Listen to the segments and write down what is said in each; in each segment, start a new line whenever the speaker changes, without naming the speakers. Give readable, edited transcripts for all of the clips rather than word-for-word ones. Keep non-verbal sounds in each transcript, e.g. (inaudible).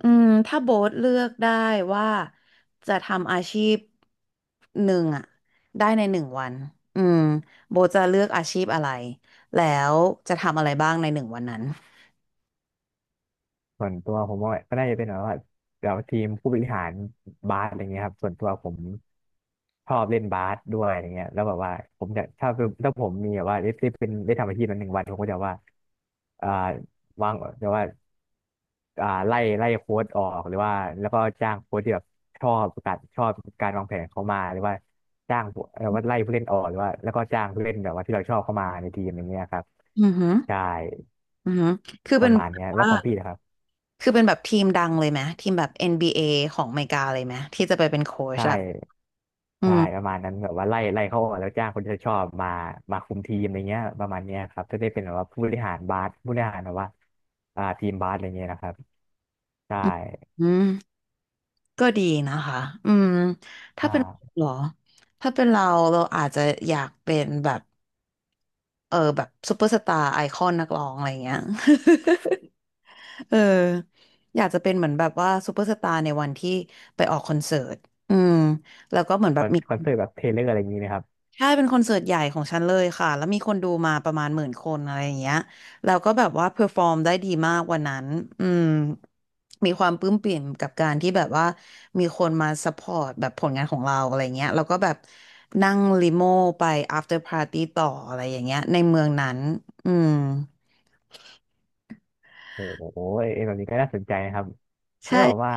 ถ้าโบ๊ทเลือกได้ว่าจะทำอาชีพหนึ่งอะได้ในหนึ่งวันอืมโบ๊ทจะเลือกอาชีพอะไรแล้วจะทำอะไรบ้างในหนึ่งวันนั้น
ส่วนตัวผมว่าก็น่าจะเป็นแบบว่าทีมผู้บริหารบาสอะไรเงี้ยครับส่วนตัวผมชอบเล่นบาสด้วยอะไรเงี้ยแล้วแบบว่าผมจะถ้าเป็นถ้าผมมีแบบว่าได้ได้เป็นได้ทำอาชีพนั้นหนึ่งวันผมก็จะว่าอ่าวางจะว่าอ่าไล่โค้ชออกหรือว่าแล้วก็จ้างโค้ชที่แบบชอบการชอบการวางแผนเขามาหรือว่าจ้างผู้เอ่อว่าไล่ผู้เล่นออกหรือว่าแล้วก็จ้างผู้เล่นแบบว่าที่เราชอบเข้ามาในทีมอย่างเงี้ยครับ
อือหือ
ใช่
อือหือคือ
ป
เป็
ระ
น
มาณ
แบ
เนี้
บ
ยแล้
ว่า
วของพี่นะครับ
คือเป็นแบบทีมดังเลยไหมทีมแบบ NBA ของอเมริกาเลยไหมที่จะไปเป็นโค้ช
ใช่
อะอื
ใช่ป
ม
ระมาณนั้นแบบว่าไล่เขาออกแล้วจ้างคนที่เขาชอบมาคุมทีมอะไรเงี้ยประมาณเนี้ยครับจะได้เป็นแบบว่าผู้บริหารบาสผู้บริหารแบบว่าทีมบาสอะไรเงี้ยนะครับใช่
อืมก็ดีนะคะอืมถ้าเป็นเรา
อ่า
เหรอถ้าเป็นเราเราอาจจะอยากเป็นแบบ เออแบบซูเปอร์สตาร์ไอคอนนักร้องอะไรเงี้ย (laughs) เอออยากจะเป็นเหมือนแบบว่าซูเปอร์สตาร์ในวันที่ไปออกคอนเสิร์ตอืมแล้วก็เหมือนแบบมี
คอนเสิร์ตแบบเทเลอร์อะไรอย่างงี้นะครับ
ใช่เป็นคอนเสิร์ตใหญ่ของฉันเลยค่ะแล้วมีคนดูมาประมาณหมื่นคนอะไรอย่างเงี้ยแล้วก็แบบว่าเพอร์ฟอร์มได้ดีมากวันนั้นอืมมีความปลื้มปริ่มกับการที่แบบว่ามีคนมาซัพพอร์ตแบบผลงานของเราอะไรเงี้ยแล้วก็แบบนั่งลิโม่ไป after party ต่ออะไรอย่างเงี้ยในเมืองนั้นอืม
โอ้โหเอ็นแบบนี้ก็น่าสนใจนะครับแล้วแบบ
ใช่
ว่า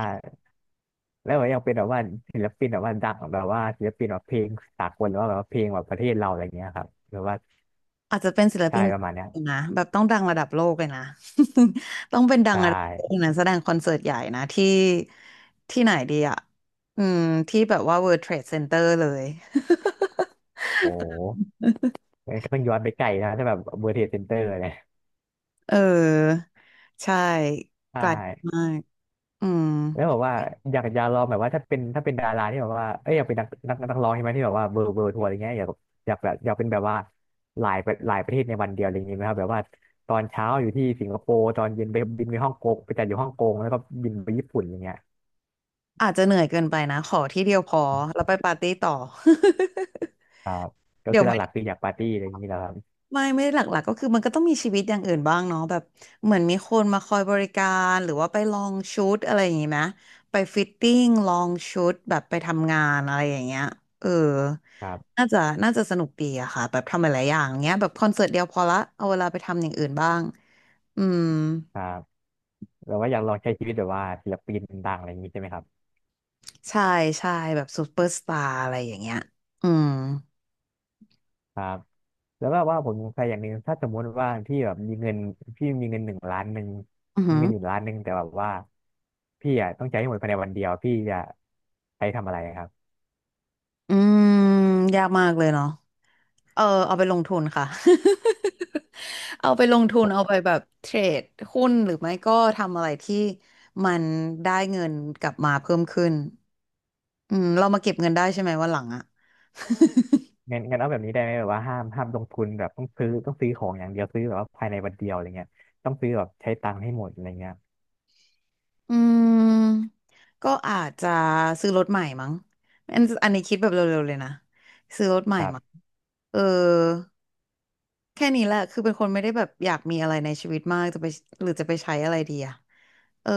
แล้วแบบยังเป็นแบบว่าศิลปินแบบว่าดังแบบว่าศิลปินแบบเพลงสากลหรือว่าแบบว่าเพลงแบบประเทศเราอะไรเงี้ยครับหรือว่า
อาจจะเป็นศิล
ใช่
ปิน
ประมาณเนี้ย
นะแบบต้องดังระดับโลกเลยนะ (laughs) ต้องเป็นดั
ใช
งระดับโลก
่
นะแสดงคอนเสิร์ตใหญ่นะที่ที่ไหนดีอ่ะอืมที่แบบว่า World Trade Center เลย (laughs)
โอ้โหก็ต้องย้อนไปไกลนะถ้าแบบเบอร์เทสเซนเตอร์เนี่ย
เออใช่
ใช่
ไกลมากอืม
แล้วแบบว่าอยากลองแบบว่าถ้าเป็นดาราที่แบบว่าเอ้ยอยากเป็นนักร้องใช่ไหมที่แบบว่าเบอร์ทัวร์อะไรเงี้ยอยากเป็นแบบว่าหลายประเทศในวันเดียวอะไรอย่างงี้ไหมครับแบบว่าตอนเช้าอยู่ที่สิงคโปร์ตอนเย็นไปบินไปฮ่องกงไปจัดอยู่ฮ่องกงแล้วก็บินไปญี่ปุ่นอย่างเงี้ย
อาจจะเหนื่อยเกินไปนะขอที่เดียวพอแล้วไปปาร์ตี้ต่อ
ครับ
(laughs)
ก็
เดี๋ย
คื
ว
อห
ไม่
ลักๆคืออยากปาร์ตี้อะไรอย่างงี้แหล้วครับ
ไม่ไม่ได้หลักๆก็คือมันก็ต้องมีชีวิตอย่างอื่นบ้างเนาะแบบเหมือนมีคนมาคอยบริการหรือว่าไปลองชุดอะไรอย่างงี้ไหมไปฟิตติ้งลองชุดแบบไปทำงานอะไรอย่างเงี้ยเออ
ครับ
น่าจะน่าจะสนุกดีอะค่ะแบบทำหลายๆอย่างเงี้ยแบบคอนเสิร์ตเดียวพอละเอาเวลาไปทำอย่างอื่นบ้างอืม
ครับแบบว่าอยากลองใช้ชีวิตแบบว่าศิลปินดังอะไรอย่างงี้ใช่ไหมครับ
ใช่ใช่แบบซูเปอร์สตาร์อะไรอย่างเงี้ยอืม
ครับแล้วก็ว่าผมสงสัยอย่างหนึ่งถ้าสมมติว่าพี่แบบมีเงินพี่มีเงินหนึ่งล้านหนึ่ง
อือ
มี
หือ
เงินอยู่ล้านหนึ่งแต่แบบว่าพี่อ่ะต้องใช้ให้หมดภายในวันเดียวพี่จะใช้ทำอะไรครับ
อืมยากมากเลยเนาะ เออเอาไปลงทุนค่ะ (laughs) เอาไปลงทุ
ผ
น
ม
เอาไปแบบเทรดหุ้นหรือไม่ก็ทำอะไรที่มันได้เงินกลับมาเพิ่มขึ้นเรามาเก็บเงินได้ใช่ไหมวันหลังอ่ะ
งั้นงั้นเอาแบบนี้ได้ไหมแบบว่าห้ามลงทุนแบบต้องซื้อของอย่างเดียวซื้อแบบว่าภายในวันเดียวอะไรเงี้ยต้องซื้อแบบใช้ตังค์ให้หมดอะไรเงี้ย
(laughs) อืมก็อาจจะซื้อรถใหม่มั้งอันนี้คิดแบบเร็วๆเลยนะซื้อรถใหม่
ครั
มั้ง
บ
เออแค่นี้แหละคือเป็นคนไม่ได้แบบอยากมีอะไรในชีวิตมากจะไปหรือจะไปใช้อะไรดีอะเออ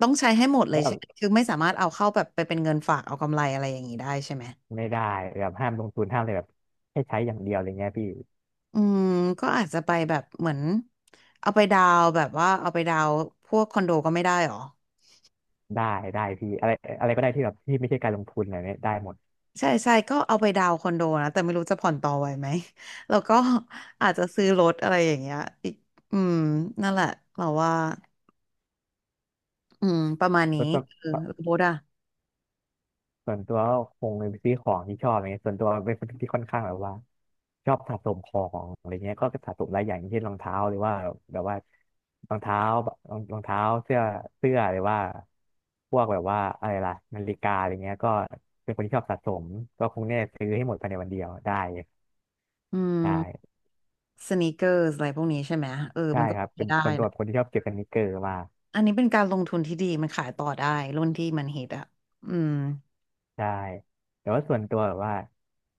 ต้องใช้ให้หมดเล
แล้
ย
วแบ
ใช่
บ
ไหมคือไม่สามารถเอาเข้าแบบไปเป็นเงินฝากเอากำไรอะไรอย่างนี้ได้ใช่ไหม
ไม่ได้แบบห้ามลงทุนห้ามเลยแบบให้ใช้อย่างเดียวอะไรเงี้ยพี่
อืมก็อาจจะไปแบบเหมือนเอาไปดาวน์แบบว่าเอาไปดาวน์พวกคอนโดก็ไม่ได้หรอ
ได้ได้พี่อะไรอะไรก็ได้ที่แบบที่ไม่ใช่การลงทุนอะไรเนี้ยได้หมด
ใช่ใช่ก็เอาไปดาวน์คอนโดนะแต่ไม่รู้จะผ่อนต่อไหวไหม (laughs) แล้วก็อาจจะซื้อรถอะไรอย่างเงี้ยอีกอืมนั่นแหละเราว่าประมาณนี้
ก็ต้อง
เออรถอะ
ส่วนตัวก็คงไปซื้อของที่ชอบอะไรเงี้ยส่วนตัวเป็นคนที่ค่อนข้างแบบว่าชอบสะสมของอะไรเงี้ยก็สะสมหลายอย่างอย่างเช่นรองเท้าหรือว่าแบบว่ารองเท้ารองเท้าเสื้อเสื้อหรือว่าพวกแบบว่าอะไรล่ะนาฬิกาอะไรเงี้ยก็เป็นคนที่ชอบสะสมก็คงเนี่ยซื้อให้หมดภายในวันเดียวได้
อื
ใช่
มสนีกเกอร์อะไรพวกนี้ใช่ไหมเออ
ใช่
มันก็
ครับเป็นส่วนตัวเป็นคนที่ชอบเก็บสนิกเกอร์มาก
อันนี้เป็นการลงทุนที่ดีมันขายต่อได้รุ่นที่มันฮิตอะอืม
ใช่แต่ว่าส่วนตัวแบบว่า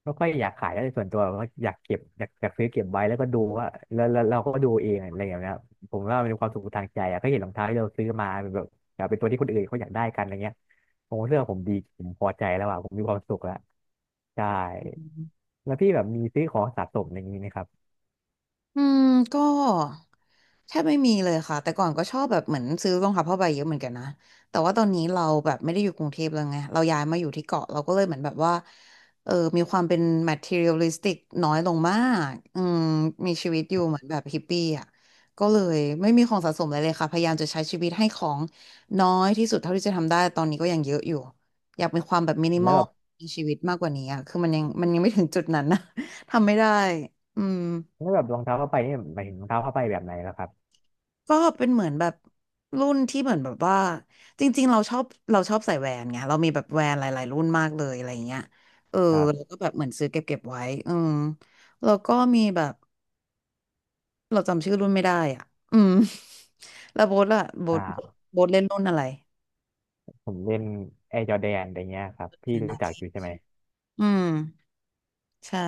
ไม่ค่อยอยากขายแล้วแต่ส่วนตัวแบบว่าอยากเก็บอยากซื้อเก็บไว้แล้วก็ดูว่าแล้วเราก็ดูเองอะไรอย่างเงี้ยครับผมว่ามันเป็นความสุขทางใจอะก็เห็นรองเท้าที่เราซื้อมาเป็นแบบเป็นตัวที่คนอื่นเขาอยากได้กันอะไรเงี้ยผมเลือกผมดีผมพอใจแล้วอะผมมีความสุขแล้วใช่แล้วพี่แบบมีซื้อของสะสมอย่างนี้ไหมครับ
อืมก็แทบไม่มีเลยค่ะแต่ก่อนก็ชอบแบบเหมือนซื้อรองเท้าผ้าใบเยอะเหมือนกันนะแต่ว่าตอนนี้เราแบบไม่ได้อยู่กรุงเทพแล้วไงเราย้ายมาอยู่ที่เกาะเราก็เลยเหมือนแบบว่าเออมีความเป็น materialistic น้อยลงมากมีชีวิตอยู่เหมือนแบบฮิปปี้อ่ะก็เลยไม่มีของสะสมอะไรเลยค่ะพยายามจะใช้ชีวิตให้ของน้อยที่สุดเท่าที่จะทำได้ตอนนี้ก็ยังเยอะอยู่อยากมีความแบบมินิม
แล้
อ
ว
ล
แบบ
ในชีวิตมากกว่านี้อ่ะคือมันยังไม่ถึงจุดนั้นนะ (laughs) ทำไม่ได้อืม
แล้วแบบรองเท้าผ้าใบนี่หมายถึงรองเท้าผ้าใบแบบไหนแล้วครับ
ก็เป็นเหมือนแบบรุ่นที่เหมือนแบบว่าจริงๆเราชอบเราชอบใส่แหวนไงเรามีแบบแหวนหลายๆรุ่นมากเลยอะไรเงี้ยเออ
ครั
แล้ว
บ
ก็แบบเหมือนซื้อเก็บไว้อืมแล้วก็มีแบบเราจำชื่อรุ่นไม่ได้อ่ะอืม (laughs) แล้วโบ๊ทล่ะโบ๊ท
อ่า
โบ๊ทเล่นรุ่นอะไร
ผมเล่นแอร์จอแดนอะไรเงี้ยครับพี่
นา
รู้จัก
คิ
อยู่ใช่ไหม
อืมใช่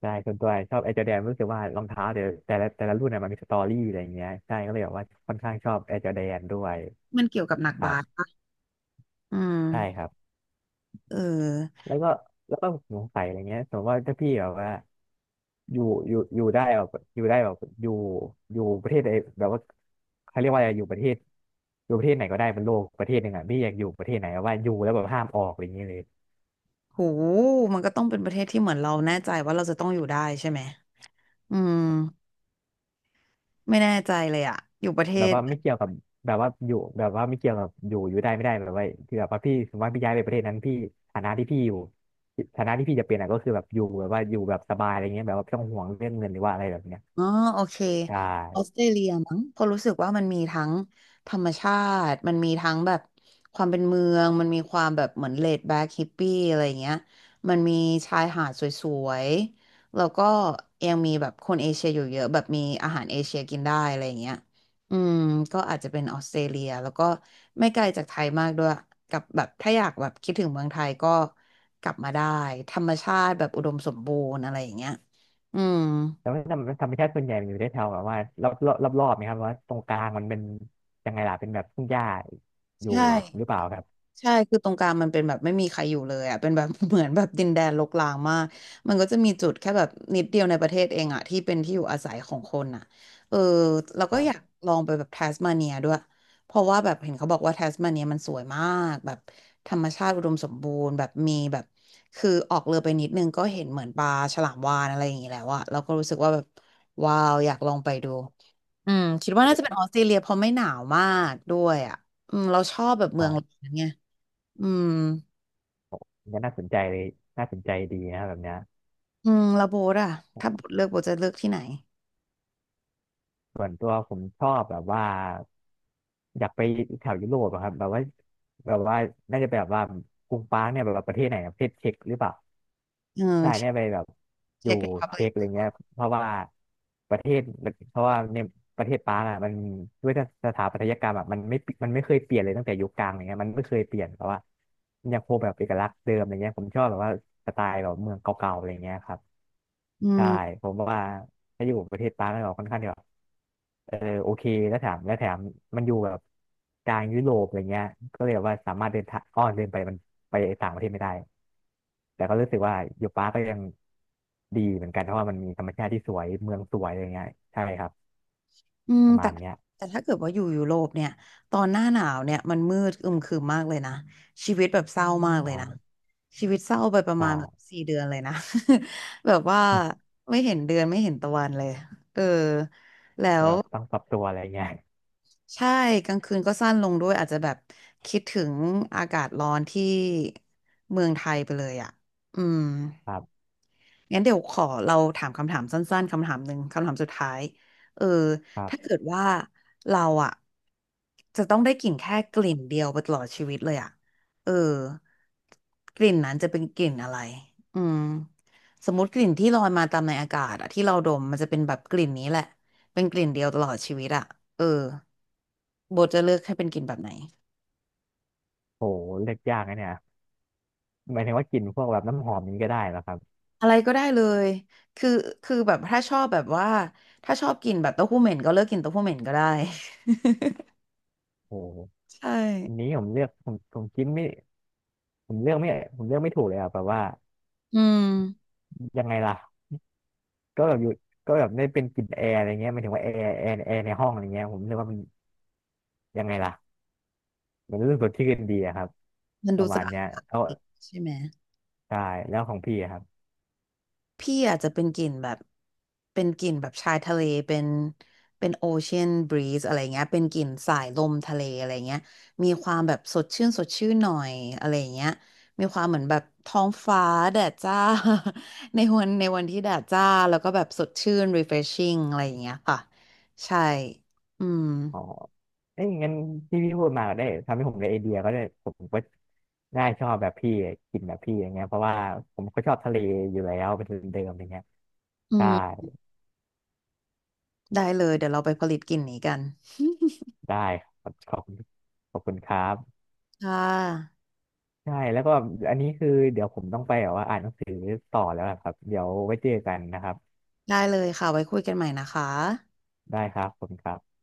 ใช่ส่วนตัวชอบแอร์จอแดนรู้สึกว่ารองเท้าเดี๋ยวแต่ละรุ่นน่ะมันมีสตอรี่อะไรอย่างเงี้ยใช่ก็เลยแบบว่าค่อนข้างชอบแอร์จอแดนด้วย
มันเกี่ยวกับหนัก
ครั
บาส
บ
ปะอื
ใช่ค
ม
รับ
เออ
แล้วก็แล้วก็สงสัยอะไรเงี้ยสมมติว่าถ้าพี่แบบว่าอยู่ได้แบบอยู่ได้แบบอยู่อยู่ประเทศใดแบบว่าเขาเรียกว่าอะไรอยู่ประเทศไหนก็ได้บนโลกประเทศหนึ่งอ่ะพี่อยากอยู่ประเทศไหนแบบว่าอยู่แล้วแบบห้ามออกอะไรอย่างเงี้ยเลย
โหมันก็ต้องเป็นประเทศที่เหมือนเราแน่ใจว่าเราจะต้องอยู่ได้ใช่ไหมอืมไม่แน่ใจเลยอะอยู่ประเท
แบบ
ศ
ว่า
ไหน
ไม่เกี่ยวกับแบบว่าอยู่แบบว่าไม่เกี่ยวกับอยู่ได้ไม่ได้แบบว่าที่แบบว่าพี่สมมติว่าพี่ย้ายไปประเทศนั้นพี่ฐานะที่พี่อยู่ฐานะที่พี่จะเป็นอ่ะก็คือแบบอยู่แบบว่าอยู่แบบสบายอะไรเงี้ยแบบว่าไม่ต้องห่วงเรื่องเงินหรือว่าอะไรแบบเนี้ย
อ๋อโอเค
ใช่
ออสเตรเลียมั้งเพอราะรู้สึกว่ามันมีทั้งธรรมชาติมันมีทั้งแบบความเป็นเมืองมันมีความแบบเหมือนเลดแบ็กฮิปปี้อะไรอย่างเงี้ยมันมีชายหาดสวยๆแล้วก็ยังมีแบบคนเอเชียอยู่เยอะแบบมีอาหารเอเชียกินได้อะไรอย่างเงี้ยอืมก็อาจจะเป็นออสเตรเลียแล้วก็ไม่ไกลจากไทยมากด้วยกับแบบถ้าอยากแบบคิดถึงเมืองไทยก็กลับมาได้ธรรมชาติแบบอุดมสมบูรณ์อะไรอย่างเงี้ยอืม
แล้วธรรมชาติส่วนใหญ่มันอยู่ได้แถวแบบว่ารอบๆนะครับว่าตรงกลางมันเป็นยังไงล่ะเป็นแบบทุ่งหญ้าอยู่
ใช่
หรือเปล่าครับ
ใช่ คือตรงกลางมันเป็นแบบไม่มีใครอยู่เลยอ่ะเป็นแบบ (laughs) เหมือนแบบดินแดนรกร้างมาก มันก็จะมีจุดแค่แบบนิดเดียวในประเทศเองอ่ะที่เป็นที่อยู่อาศัยของคนอ่ะเออเรา
ค
ก็
รั
อยาก
บ
ลองไปแบบแทสมาเนียด้วยเพราะว่าแบบเห็นเขาบอกว่าแทสมาเนียมันสวยมากแบบธรรมชาติอุดมสมบูรณ์แบบมีแบบคือออกเรือไปนิดนึงก็เห็นเหมือนปลาฉลามวาฬอะไรอย่างงี้แล้วอ่ะเราก็รู้สึกว่าแบบว้าวอยากลองไปดูอืมคิดว่าน่าจะเป็นออสเตรเลียเพราะไม่หนาวมากด้วยอ่ะอืมเราชอบแบบ
ค
เมือ
รั
ง (laughs) ร้อ
บ
นไง อืม
ก็น่าสนใจเลยน่าสนใจดีนะครับแบบเนี้ย
อืมแล้วโบทอะถ้าโบทเลือกโบทจะเลือกที่ไหน
ส่วนตัวผมชอบแบบว่า อยากไปแถวยุโรปอะครับแบบว่าแบบว่าน่าจะไปแบบว่ากรุงปรางเนี่ยแบบว่าประเทศไหนอะประเทศเช็กหรือเปล่า
เอ
ใช่
อ
เนี่ยไปแบบอยู่
เช็ครีพับลิ
เช็ก
ก
อะไรเงี้ยเพราะว่าประเทศเพราะว่าในประเทศปรางอะมันด้วยสถาปัตยกรรมอะมันไม่เคยเปลี่ยนเลยตั้งแต่ยุคกลางอะไรเงี้ยมันไม่เคยเปลี่ยนเพราะว่ามันยังคงแบบเอกลักษณ์เดิมอะไรเงี้ยผมชอบแบบว่าสไตล์แบบเมืองเก่าๆอะไรเงี้ยครับ
อืม
ใช่ผมว่าถ้าอยู่ประเทศปรางก็ค่อนข้างที่แบบ เออโอเคแล้วแถมมันอยู่แบบกลางยุโรปอะไรเงี้ยก็เลยแบบว่าสามารถเดินทางอ้อเดินไปมันไปต่างประเทศไม่ได้แต่ก็รู้สึกว่ายูปาก็ยังดีเหมือนกันเพราะว่ามันมีธรรมชาติที่สวยเมืองสวยอะไรเงี้ยใช่ครับ
อืม
ประมา
แต่
ณเนี้ย
แต่ถ้าเกิดว่าอยู่ยุโรปเนี่ยตอนหน้าหนาวเนี่ยมันมืดอึมครึมมากเลยนะชีวิตแบบเศร้ามากเลยนะ
ใช่
ชีวิตเศร้าไปประ
ใช่
มาณแบบ4 เดือนเลยนะ (laughs) แบบว่าไม่เห็นเดือนไม่เห็นตะวันเลยเออแล้
แบ
ว
บต้องปรับตัวอะไรเงี้ย
ใช่กลางคืนก็สั้นลงด้วยอาจจะแบบคิดถึงอากาศร้อนที่เมืองไทยไปเลยอะอืม
ครับ
งั้นเดี๋ยวขอเราถามคำถามสั้นๆคำถามหนึ่งคำถามสุดท้ายเออ
ครั
ถ้า
บ
เกิดว่าเราอะจะต้องได้กลิ่นแค่กลิ่นเดียวไปตลอดชีวิตเลยอะเออกลิ่นนั้นจะเป็นกลิ่นอะไรอืมสมมติกลิ่นที่ลอยมาตามในอากาศอะที่เราดมมันจะเป็นแบบกลิ่นนี้แหละเป็นกลิ่นเดียวตลอดชีวิตอะเออโบจะเลือกให้เป็นกลิ่นแบบไหน
โหเลือกยากนะเนี่ยหมายถึงว่ากลิ่นพวกแบบน้ำหอมนี้ก็ได้เหรอครับ
อะไรก็ได้เลยคือคือแบบถ้าชอบแบบว่าถ้าชอบกินแบบเต้าหู้เหม็นก็เลิกกินเต้าหู้เหม็นก็ได้
โห
ใช่
อันนี้ผมเลือกผมผมคิดไม่ผมเลือกไม่ผมเลือกไม่ถูกเลยอ่ะแบบว่า
อืม
ยังไงล่ะ ก็แบบอยู่ก็แบบได้เป็นกลิ่นแอร์อะไรเงี้ยหมายถึงว่าแอร์ในห้องอะไรเงี้ยผมรู้สึกว่ามันยังไงล่ะมันรู้สึกสดชื่นดีอะครับ
มัน
ป
ดู
ระมา
สะ
ณ
อาด
เนี้ยแล้ว
ใช่ไหม
ใช่แล้วของพี่อะครับ
พี่อาจจะเป็นกลิ่นแบบเป็นกลิ่นแบบชายทะเลเป็นเป็นโอเชียนบรีซอะไรเงี้ยเป็นกลิ่นสายลมทะเลอะไรเงี้ยมีความแบบสดชื่นสดชื่นหน่อยอะไรเงี้ยมีความเหมือนแบบท้องฟ้าแดดจ้า (laughs) ในวันในวันที่แดดจ้าแล้วก็แบบสดชื่น refreshing อะไรอย่างเงี้ยค่ะใช่อืม
อ๋อเอ้ยงั้นที่พี่พูดมาก็ได้ทำให้ผมได้ไอเดียก็ได้ผมก็น่าชอบแบบพี่กลิ่นแบบพี่อย่างเงี้ยเพราะว่าผมก็ชอบทะเลอยู่แล้วเป็นทุนเดิมอย่างเงี้ย
อื
ใช่
มได้เลยเดี๋ยวเราไปผลิตกลิ่นนี้กัน
ได้ครับขอบคุณขอบคุณครับ
ค่ะ
ใช่แล้วก็อันนี้คือเดี๋ยวผมต้องไปแบบว่าอ่านหนังสือต่อแล้วอะครับเดี๋ยวไว้เจอกันนะครับ
ได้เลยค่ะไว้คุยกันใหม่นะคะ
ได้ครับขอบคุณครับ